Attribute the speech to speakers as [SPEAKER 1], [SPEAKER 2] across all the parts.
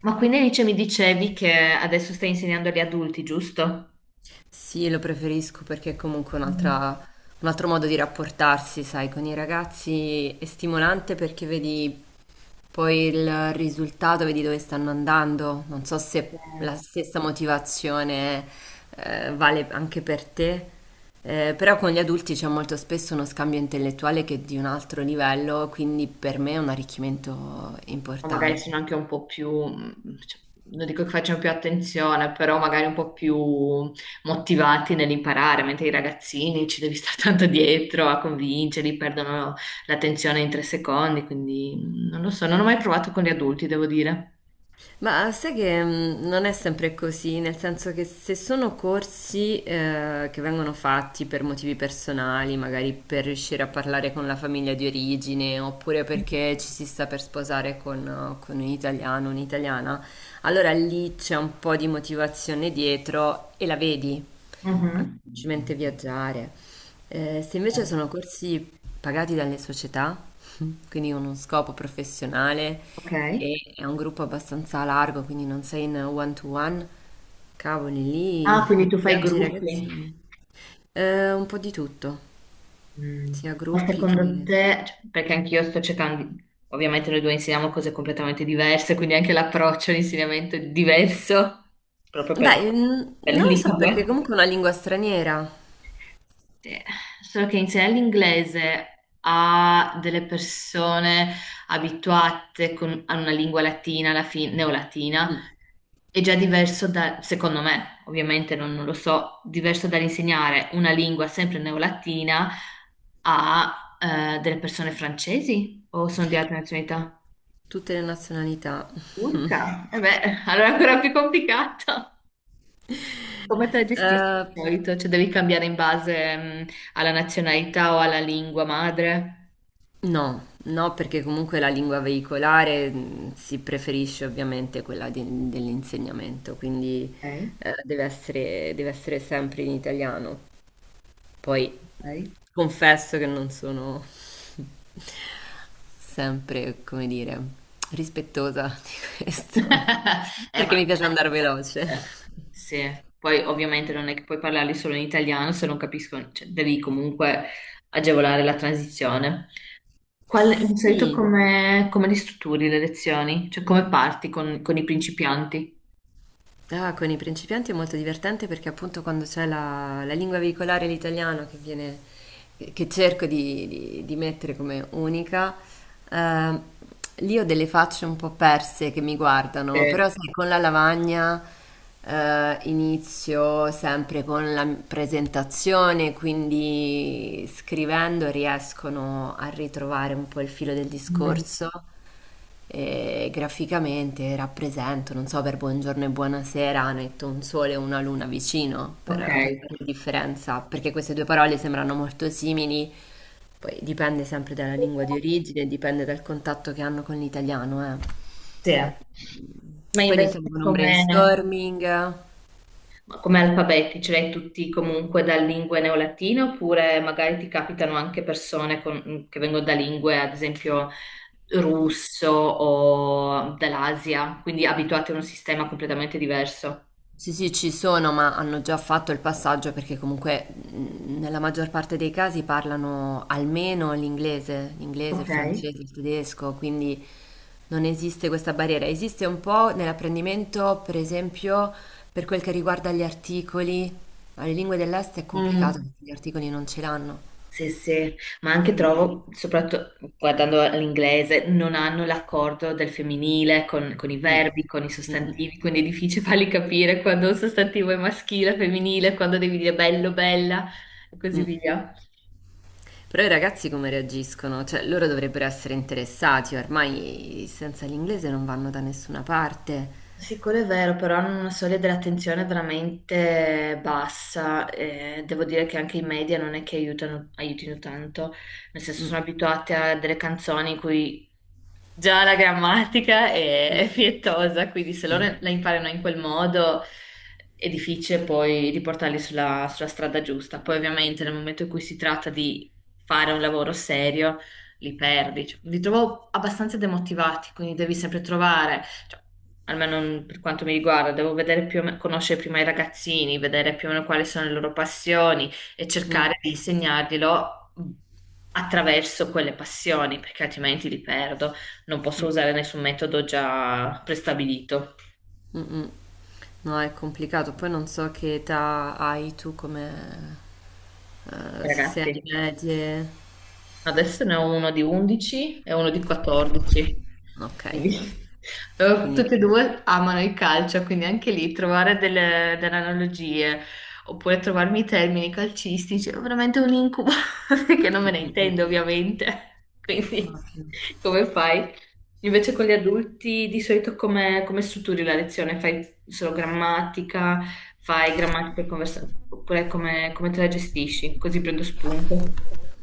[SPEAKER 1] Ma quindi Alice mi dicevi che adesso stai insegnando agli adulti, giusto?
[SPEAKER 2] Sì, lo preferisco perché è comunque
[SPEAKER 1] Mm.
[SPEAKER 2] un altro modo di rapportarsi, sai, con i ragazzi è stimolante perché vedi poi il risultato, vedi dove stanno andando. Non so se
[SPEAKER 1] Eh,
[SPEAKER 2] la stessa motivazione vale anche per te, però con gli adulti c'è molto spesso uno scambio intellettuale che è di un altro livello, quindi per me è un arricchimento
[SPEAKER 1] O magari
[SPEAKER 2] importante.
[SPEAKER 1] sono anche un po' più, cioè, non dico che facciano più attenzione, però magari un po' più motivati nell'imparare, mentre i ragazzini ci devi stare tanto dietro a convincerli, perdono l'attenzione in tre secondi, quindi non lo so, non ho mai provato con gli adulti, devo dire.
[SPEAKER 2] Ma sai che non è sempre così, nel senso che se sono corsi che vengono fatti per motivi personali, magari per riuscire a parlare con la famiglia di origine, oppure perché ci si sta per sposare con un italiano, un'italiana, allora lì c'è un po' di motivazione dietro e la vedi, anche
[SPEAKER 1] Mhm.
[SPEAKER 2] semplicemente viaggiare. Se invece sono corsi pagati dalle società, quindi con uno scopo professionale,
[SPEAKER 1] Ok.
[SPEAKER 2] e è un gruppo abbastanza largo, quindi non sei in one to one. Cavoli,
[SPEAKER 1] Ah,
[SPEAKER 2] lì
[SPEAKER 1] quindi tu fai
[SPEAKER 2] rimpiangi i
[SPEAKER 1] gruppi.
[SPEAKER 2] ragazzini. Un po' di tutto,
[SPEAKER 1] Mm.
[SPEAKER 2] sia
[SPEAKER 1] Ma
[SPEAKER 2] gruppi
[SPEAKER 1] secondo
[SPEAKER 2] che...
[SPEAKER 1] te, cioè, perché anch'io sto cercando, ovviamente noi due insegniamo cose completamente diverse, quindi anche l'approccio all'insegnamento è diverso, proprio
[SPEAKER 2] Beh,
[SPEAKER 1] per le
[SPEAKER 2] non lo so perché
[SPEAKER 1] lingue.
[SPEAKER 2] comunque è una lingua straniera.
[SPEAKER 1] Sì, solo che insegnare l'inglese a delle persone abituate a una lingua latina, alla fine, neolatina,
[SPEAKER 2] Mm.
[SPEAKER 1] è già diverso da, secondo me, ovviamente non lo so, diverso dall'insegnare una lingua sempre neolatina a delle persone francesi o sono di altre nazionalità?
[SPEAKER 2] Tutte le nazionalità.
[SPEAKER 1] Turca? E beh, allora è ancora più complicato. Come te la gestisci
[SPEAKER 2] Eh,
[SPEAKER 1] di solito? Cioè devi cambiare in base, alla nazionalità o alla lingua madre?
[SPEAKER 2] no, no, perché comunque la lingua veicolare si preferisce ovviamente quella dell'insegnamento, quindi
[SPEAKER 1] Ok,
[SPEAKER 2] deve essere sempre in italiano. Poi
[SPEAKER 1] ok.
[SPEAKER 2] confesso che non sono sempre, come dire, rispettosa di questo, perché
[SPEAKER 1] Ma...
[SPEAKER 2] mi piace andare veloce.
[SPEAKER 1] eh, sì, poi ovviamente non è che puoi parlarli solo in italiano se non capiscono, cioè, devi comunque agevolare la transizione. Qual, di solito
[SPEAKER 2] Sì.
[SPEAKER 1] come, come li strutturi le lezioni? Cioè come parti con i principianti?
[SPEAKER 2] Ah, con i principianti è molto divertente perché appunto quando c'è la lingua veicolare, l'italiano, che viene, che cerco di mettere come unica, ehm, lì ho delle facce un po' perse che mi guardano,
[SPEAKER 1] Sì.
[SPEAKER 2] però sai, con la lavagna inizio sempre con la presentazione, quindi scrivendo riescono a ritrovare un po' il filo del
[SPEAKER 1] Mm,
[SPEAKER 2] discorso e graficamente rappresento, non so, per buongiorno e buonasera metto un sole e una luna vicino per,
[SPEAKER 1] ok.
[SPEAKER 2] per fare la differenza, perché queste due parole sembrano molto simili, poi dipende sempre dalla lingua di origine, dipende dal contatto che hanno con l'italiano, eh.
[SPEAKER 1] Sì. Ma
[SPEAKER 2] Poi
[SPEAKER 1] invece
[SPEAKER 2] iniziamo con un
[SPEAKER 1] come,
[SPEAKER 2] brainstorming.
[SPEAKER 1] come alfabeti ce l'hai tutti comunque da lingue neolatine oppure magari ti capitano anche persone che vengono da lingue, ad esempio russo o dall'Asia, quindi abituate a un sistema completamente diverso.
[SPEAKER 2] Sì, sì, ci sono, ma hanno già fatto il passaggio perché comunque nella maggior parte dei casi parlano almeno l'inglese, il
[SPEAKER 1] Ok.
[SPEAKER 2] francese, il tedesco, quindi non esiste questa barriera. Esiste un po' nell'apprendimento, per esempio, per quel che riguarda gli articoli, ma le lingue dell'est è complicato
[SPEAKER 1] Mm,
[SPEAKER 2] perché gli articoli non ce l'hanno.
[SPEAKER 1] sì, sì, ma anche
[SPEAKER 2] Quindi...
[SPEAKER 1] trovo, soprattutto guardando all'inglese, non hanno l'accordo del femminile con i
[SPEAKER 2] mm,
[SPEAKER 1] verbi, con i
[SPEAKER 2] mm, mm,
[SPEAKER 1] sostantivi, quindi è difficile farli capire quando un sostantivo è maschile, femminile, quando devi dire bello, bella e così
[SPEAKER 2] mm.
[SPEAKER 1] via.
[SPEAKER 2] Però i ragazzi come reagiscono? Cioè, loro dovrebbero essere interessati, ormai senza l'inglese non vanno da nessuna parte.
[SPEAKER 1] Sì, quello è vero, però hanno una soglia dell'attenzione veramente bassa. Devo dire che anche i media non è che aiutano, aiutino tanto, nel senso sono
[SPEAKER 2] Mm,
[SPEAKER 1] abituati a delle canzoni in cui già la grammatica
[SPEAKER 2] mm,
[SPEAKER 1] è fietosa, quindi se
[SPEAKER 2] sì.
[SPEAKER 1] loro la imparano in quel modo è difficile poi riportarli sulla, sulla strada giusta. Poi ovviamente nel momento in cui si tratta di fare un lavoro serio, li perdi. Cioè, li trovo abbastanza demotivati, quindi devi sempre trovare, cioè, almeno per quanto mi riguarda, devo vedere conoscere prima i ragazzini, vedere più o meno quali sono le loro passioni e
[SPEAKER 2] Mm,
[SPEAKER 1] cercare di insegnarglielo attraverso quelle passioni, perché altrimenti li perdo non posso
[SPEAKER 2] mm,
[SPEAKER 1] usare nessun metodo già prestabilito.
[SPEAKER 2] mm, mm. No, è complicato. Poi non so che età hai tu come... se sei alle
[SPEAKER 1] Ragazzi,
[SPEAKER 2] medie.
[SPEAKER 1] adesso ne ho uno di 11 e uno di 14.
[SPEAKER 2] Ok,
[SPEAKER 1] Quindi,
[SPEAKER 2] quindi...
[SPEAKER 1] tutti e
[SPEAKER 2] sì.
[SPEAKER 1] due amano il calcio, quindi anche lì trovare delle, delle analogie oppure trovarmi i termini calcistici è veramente un incubo, che non me
[SPEAKER 2] Mm,
[SPEAKER 1] ne
[SPEAKER 2] mm, mm.
[SPEAKER 1] intendo ovviamente. Quindi
[SPEAKER 2] Ok.
[SPEAKER 1] come fai? Invece con gli adulti di solito come, come strutturi la lezione? Fai solo grammatica, fai grammatica e conversazione, oppure come, come te la gestisci? Così prendo spunto.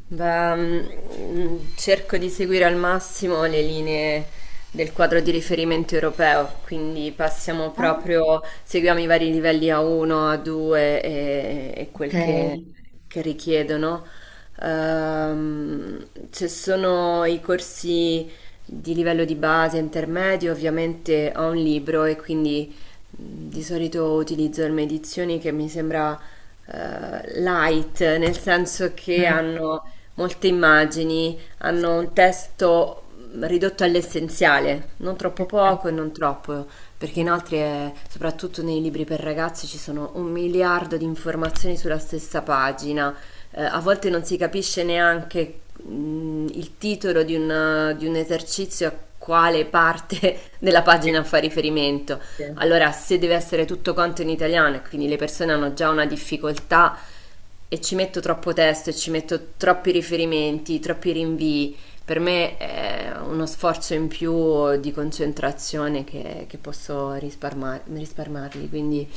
[SPEAKER 2] Beh, cerco di seguire al massimo le linee del quadro di riferimento europeo, quindi passiamo proprio, seguiamo i vari livelli A1, A2 e
[SPEAKER 1] Ok,
[SPEAKER 2] quel che richiedono. Ehm, Ci sono i corsi di livello di base, intermedio, ovviamente ho un libro e quindi di solito utilizzo delle edizioni che mi sembra light, nel senso che
[SPEAKER 1] mm,
[SPEAKER 2] hanno molte immagini,
[SPEAKER 1] sì,
[SPEAKER 2] hanno un testo ridotto all'essenziale, non troppo
[SPEAKER 1] sì, sì,
[SPEAKER 2] poco e non troppo, perché
[SPEAKER 1] mm,
[SPEAKER 2] inoltre, soprattutto nei libri per ragazzi, ci sono un miliardo di informazioni sulla stessa pagina. A volte non si capisce neanche il titolo di un esercizio a quale parte della pagina
[SPEAKER 1] sì,
[SPEAKER 2] fa riferimento.
[SPEAKER 1] sì.
[SPEAKER 2] Allora, se deve essere tutto quanto in italiano e quindi le persone hanno già una difficoltà e ci metto troppo testo e ci metto troppi riferimenti, troppi rinvii, per me è uno sforzo in più di concentrazione che posso risparmarmi, quindi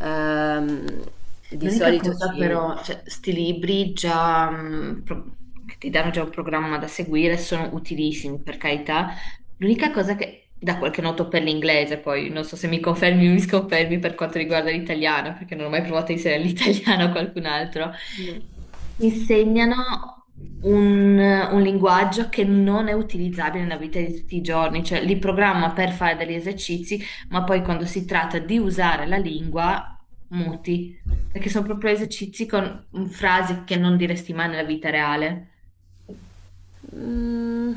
[SPEAKER 2] ehm, di
[SPEAKER 1] L'unica
[SPEAKER 2] solito
[SPEAKER 1] cosa
[SPEAKER 2] ci...
[SPEAKER 1] però, cioè, sti libri già, che ti danno già un programma da seguire sono utilissimi, per carità. L'unica cosa che da qualche noto per l'inglese, poi non so se mi confermi o mi sconfermi per quanto riguarda l'italiano, perché non ho mai provato a inserire l'italiano a qualcun altro, mi insegnano un linguaggio che non è utilizzabile nella vita di tutti i giorni, cioè li programma per fare degli esercizi, ma poi quando si tratta di usare la lingua, muti, perché sono proprio esercizi con frasi che non diresti mai nella vita reale.
[SPEAKER 2] Mm,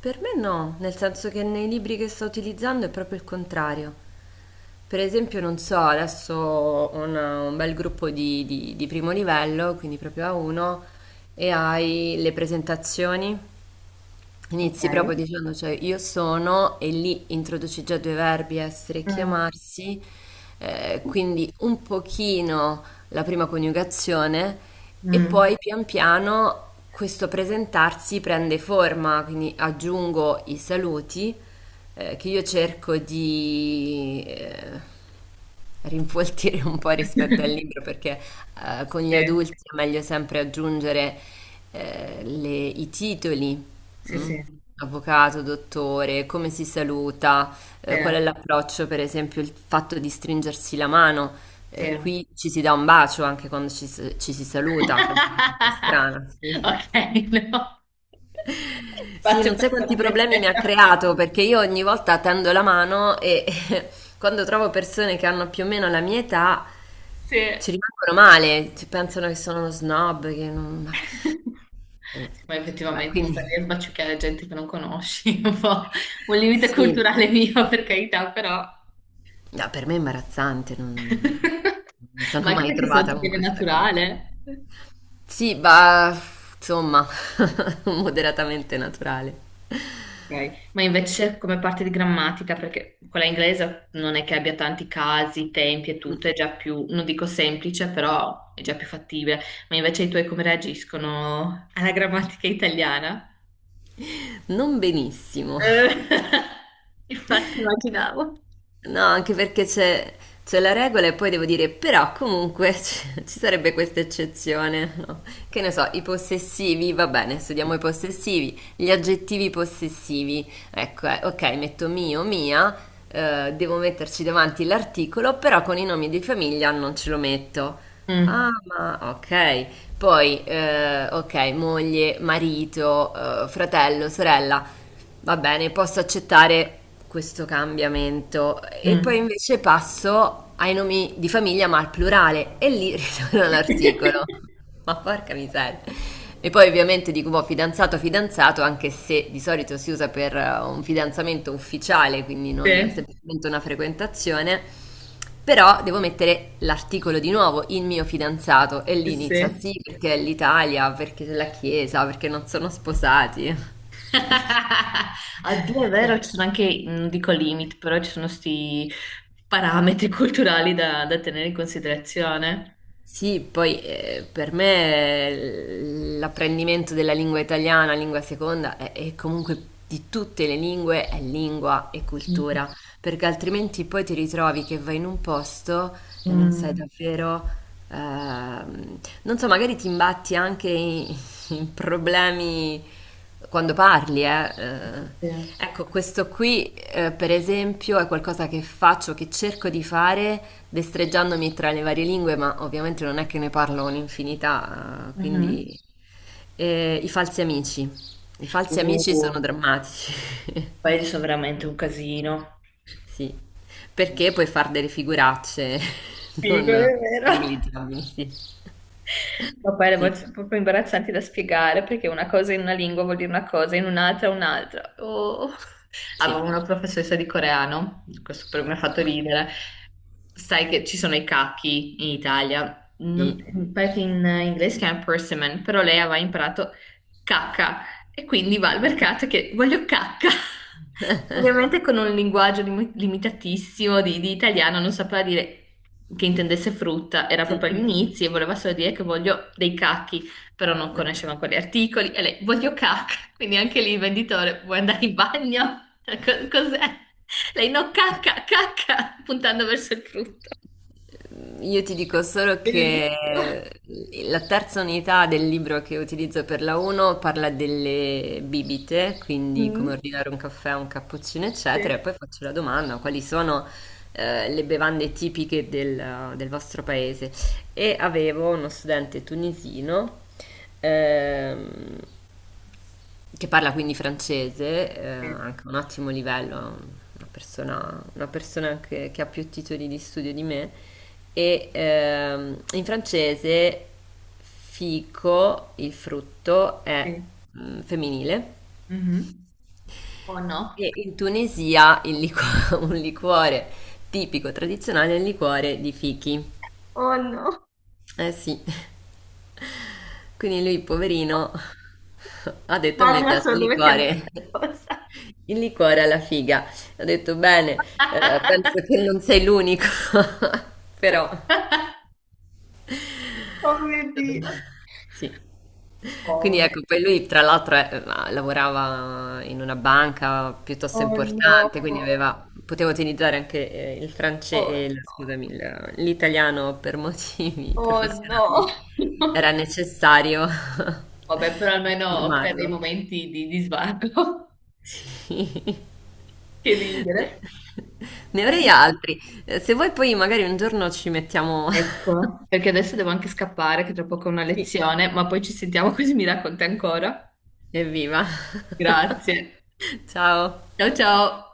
[SPEAKER 2] per me no, nel senso che nei libri che sto utilizzando è proprio il contrario. Per esempio, non so, adesso ho un bel gruppo di primo livello, quindi proprio A1, e hai le presentazioni. Inizi
[SPEAKER 1] Ok.
[SPEAKER 2] proprio dicendo, cioè io sono e lì introduci già due verbi, essere e
[SPEAKER 1] Mm.
[SPEAKER 2] chiamarsi, quindi un pochino la prima coniugazione e
[SPEAKER 1] Mm.
[SPEAKER 2] poi pian piano questo presentarsi prende forma, quindi aggiungo i saluti che io cerco di rinfoltire un po' rispetto al libro perché con gli
[SPEAKER 1] Sì,
[SPEAKER 2] adulti è meglio sempre aggiungere i titoli.
[SPEAKER 1] sì,
[SPEAKER 2] Mm.
[SPEAKER 1] sì,
[SPEAKER 2] Avvocato, dottore, come si saluta?
[SPEAKER 1] sì,
[SPEAKER 2] Qual è l'approccio, per esempio, il fatto di stringersi la mano?
[SPEAKER 1] sì.
[SPEAKER 2] Qui ci si dà un bacio anche quando ci si saluta, cosa molto strana, sì.
[SPEAKER 1] Ok, no.
[SPEAKER 2] Sì,
[SPEAKER 1] Spazio
[SPEAKER 2] non sai quanti
[SPEAKER 1] personale
[SPEAKER 2] problemi mi ha
[SPEAKER 1] zero.
[SPEAKER 2] creato perché io ogni volta tendo la mano e quando trovo persone che hanno più o meno la mia età
[SPEAKER 1] Sì.
[SPEAKER 2] ci rimangono male, ci pensano che sono uno snob, che non...
[SPEAKER 1] Sì, ma
[SPEAKER 2] Vabbè,
[SPEAKER 1] effettivamente stare
[SPEAKER 2] quindi
[SPEAKER 1] lì a sbaciucchiare gente che non conosci, è un po' un limite
[SPEAKER 2] sì.
[SPEAKER 1] culturale mio, per carità, però.
[SPEAKER 2] No, per me è imbarazzante, non non mi
[SPEAKER 1] Ma
[SPEAKER 2] sono
[SPEAKER 1] anche
[SPEAKER 2] mai
[SPEAKER 1] perché se non
[SPEAKER 2] trovata
[SPEAKER 1] ti
[SPEAKER 2] con
[SPEAKER 1] viene
[SPEAKER 2] questa cosa.
[SPEAKER 1] naturale.
[SPEAKER 2] Sì, bah, insomma, moderatamente naturale.
[SPEAKER 1] Ok. Ma invece come parte di grammatica, perché quella inglese non è che abbia tanti casi, tempi e tutto, è già più, non dico semplice, però è già più fattibile. Ma invece i tuoi come reagiscono alla grammatica italiana?
[SPEAKER 2] Non benissimo.
[SPEAKER 1] Eh, infatti immaginavo.
[SPEAKER 2] No, anche perché c'è la regola e poi devo dire, però comunque ci sarebbe questa eccezione, no? Che ne so, i possessivi, va bene, studiamo i possessivi, gli aggettivi possessivi, ecco, ok, metto mio, mia, devo metterci davanti l'articolo, però con i nomi di famiglia non ce lo metto. Ah,
[SPEAKER 1] Mm,
[SPEAKER 2] ma ok. Poi, ok, moglie, marito, fratello, sorella, va bene, posso accettare questo cambiamento. E poi
[SPEAKER 1] mm.
[SPEAKER 2] invece passo ai nomi di famiglia, ma al plurale, e lì ritorno all'articolo. Ma porca miseria. E poi ovviamente dico, boh, fidanzato, fidanzato, anche se di solito si usa per un fidanzamento ufficiale, quindi non
[SPEAKER 1] Sì,
[SPEAKER 2] semplicemente una frequentazione, però devo mettere l'articolo di nuovo, il mio fidanzato, e
[SPEAKER 1] sì,
[SPEAKER 2] lì inizia
[SPEAKER 1] sì.
[SPEAKER 2] sì perché è l'Italia, perché è la Chiesa, perché non sono sposati.
[SPEAKER 1] Oddio, è vero, ci sono anche, non dico limit, però ci sono sti parametri culturali da, da tenere in considerazione.
[SPEAKER 2] Sì, poi per me l'apprendimento della lingua italiana, lingua seconda, e comunque di tutte le lingue, è lingua e
[SPEAKER 1] Mm,
[SPEAKER 2] cultura, perché altrimenti poi ti ritrovi che vai in un posto e non sai
[SPEAKER 1] mm,
[SPEAKER 2] davvero. Non so, magari ti imbatti anche in problemi quando parli, eh.
[SPEAKER 1] sì, sì, sì.
[SPEAKER 2] Ecco, questo qui, per esempio, è qualcosa che faccio, che cerco di fare, destreggiandomi tra le varie lingue, ma ovviamente non è che ne parlo un'infinità,
[SPEAKER 1] Mhm.
[SPEAKER 2] quindi i falsi amici. I falsi amici sono
[SPEAKER 1] Uh,
[SPEAKER 2] drammatici,
[SPEAKER 1] paesi sono veramente un casino.
[SPEAKER 2] sì,
[SPEAKER 1] Sì,
[SPEAKER 2] perché puoi fare delle figuracce
[SPEAKER 1] quello
[SPEAKER 2] non
[SPEAKER 1] è vero.
[SPEAKER 2] negligentabili, sì.
[SPEAKER 1] Ma poi le
[SPEAKER 2] Sì,
[SPEAKER 1] volte sono proprio imbarazzanti da spiegare perché una cosa in una lingua vuol dire una cosa, in un'altra un'altra. Oh.
[SPEAKER 2] sì.
[SPEAKER 1] Avevo una professoressa di coreano, questo per me ha fatto
[SPEAKER 2] Ah,
[SPEAKER 1] ridere. Sai che ci sono i cachi in Italia,
[SPEAKER 2] sì.
[SPEAKER 1] pare che in inglese si chiama persimmon, però lei aveva imparato cacca e quindi va al
[SPEAKER 2] Mm.
[SPEAKER 1] mercato che voglio cacca. Ovviamente con un linguaggio limitatissimo di italiano, non sapeva dire che intendesse frutta, era proprio
[SPEAKER 2] Sì.
[SPEAKER 1] all'inizio e voleva solo dire che voglio dei cacchi però non conosceva quegli articoli e lei voglio cacca, quindi anche lì il venditore vuoi andare in bagno? Cos'è? Lei no, cacca, cacca, puntando verso il frutto.
[SPEAKER 2] Io ti dico solo che
[SPEAKER 1] Bellissimo.
[SPEAKER 2] la terza unità del libro che utilizzo per la 1 parla delle bibite, quindi come
[SPEAKER 1] Mm.
[SPEAKER 2] ordinare un caffè, un cappuccino,
[SPEAKER 1] Sì,
[SPEAKER 2] eccetera, e poi faccio la domanda, quali sono le bevande tipiche del, del vostro paese? E avevo uno studente tunisino ehm, Che parla quindi francese,
[SPEAKER 1] sì,
[SPEAKER 2] anche un ottimo livello, una persona che ha più titoli di studio di me. E in francese fico, il frutto, è
[SPEAKER 1] sì.
[SPEAKER 2] femminile.
[SPEAKER 1] Mhm. Oh no.
[SPEAKER 2] E in Tunisia un liquore tipico, tradizionale, è il liquore di fichi.
[SPEAKER 1] Oh no,
[SPEAKER 2] Eh sì, quindi lui, poverino, ha detto a me
[SPEAKER 1] immagina
[SPEAKER 2] piace
[SPEAKER 1] solo
[SPEAKER 2] il
[SPEAKER 1] dove sia andata
[SPEAKER 2] liquore.
[SPEAKER 1] la cosa.
[SPEAKER 2] Il liquore alla figa. Ho detto bene, penso che non sei l'unico, però
[SPEAKER 1] Oh mio Dio.
[SPEAKER 2] sì.
[SPEAKER 1] Oh,
[SPEAKER 2] Quindi
[SPEAKER 1] mio
[SPEAKER 2] ecco, poi
[SPEAKER 1] Dio.
[SPEAKER 2] lui tra l'altro lavorava in una banca piuttosto
[SPEAKER 1] Oh,
[SPEAKER 2] importante, quindi
[SPEAKER 1] no.
[SPEAKER 2] aveva, poteva utilizzare anche il
[SPEAKER 1] Oh no,
[SPEAKER 2] francese, scusami, l'italiano per motivi
[SPEAKER 1] oh no.
[SPEAKER 2] professionali. Era necessario
[SPEAKER 1] Vabbè, però almeno crea dei
[SPEAKER 2] informarlo.
[SPEAKER 1] momenti di svago.
[SPEAKER 2] Sì.
[SPEAKER 1] Che
[SPEAKER 2] Ne
[SPEAKER 1] ridere.
[SPEAKER 2] ne
[SPEAKER 1] Eh
[SPEAKER 2] avrei
[SPEAKER 1] sì.
[SPEAKER 2] altri. Se vuoi poi magari un giorno ci mettiamo
[SPEAKER 1] Ecco, perché adesso devo anche scappare, che tra poco ho una
[SPEAKER 2] Sì,
[SPEAKER 1] lezione, ma poi ci sentiamo così mi racconti ancora.
[SPEAKER 2] evviva.
[SPEAKER 1] Grazie.
[SPEAKER 2] Ciao.
[SPEAKER 1] Ciao ciao.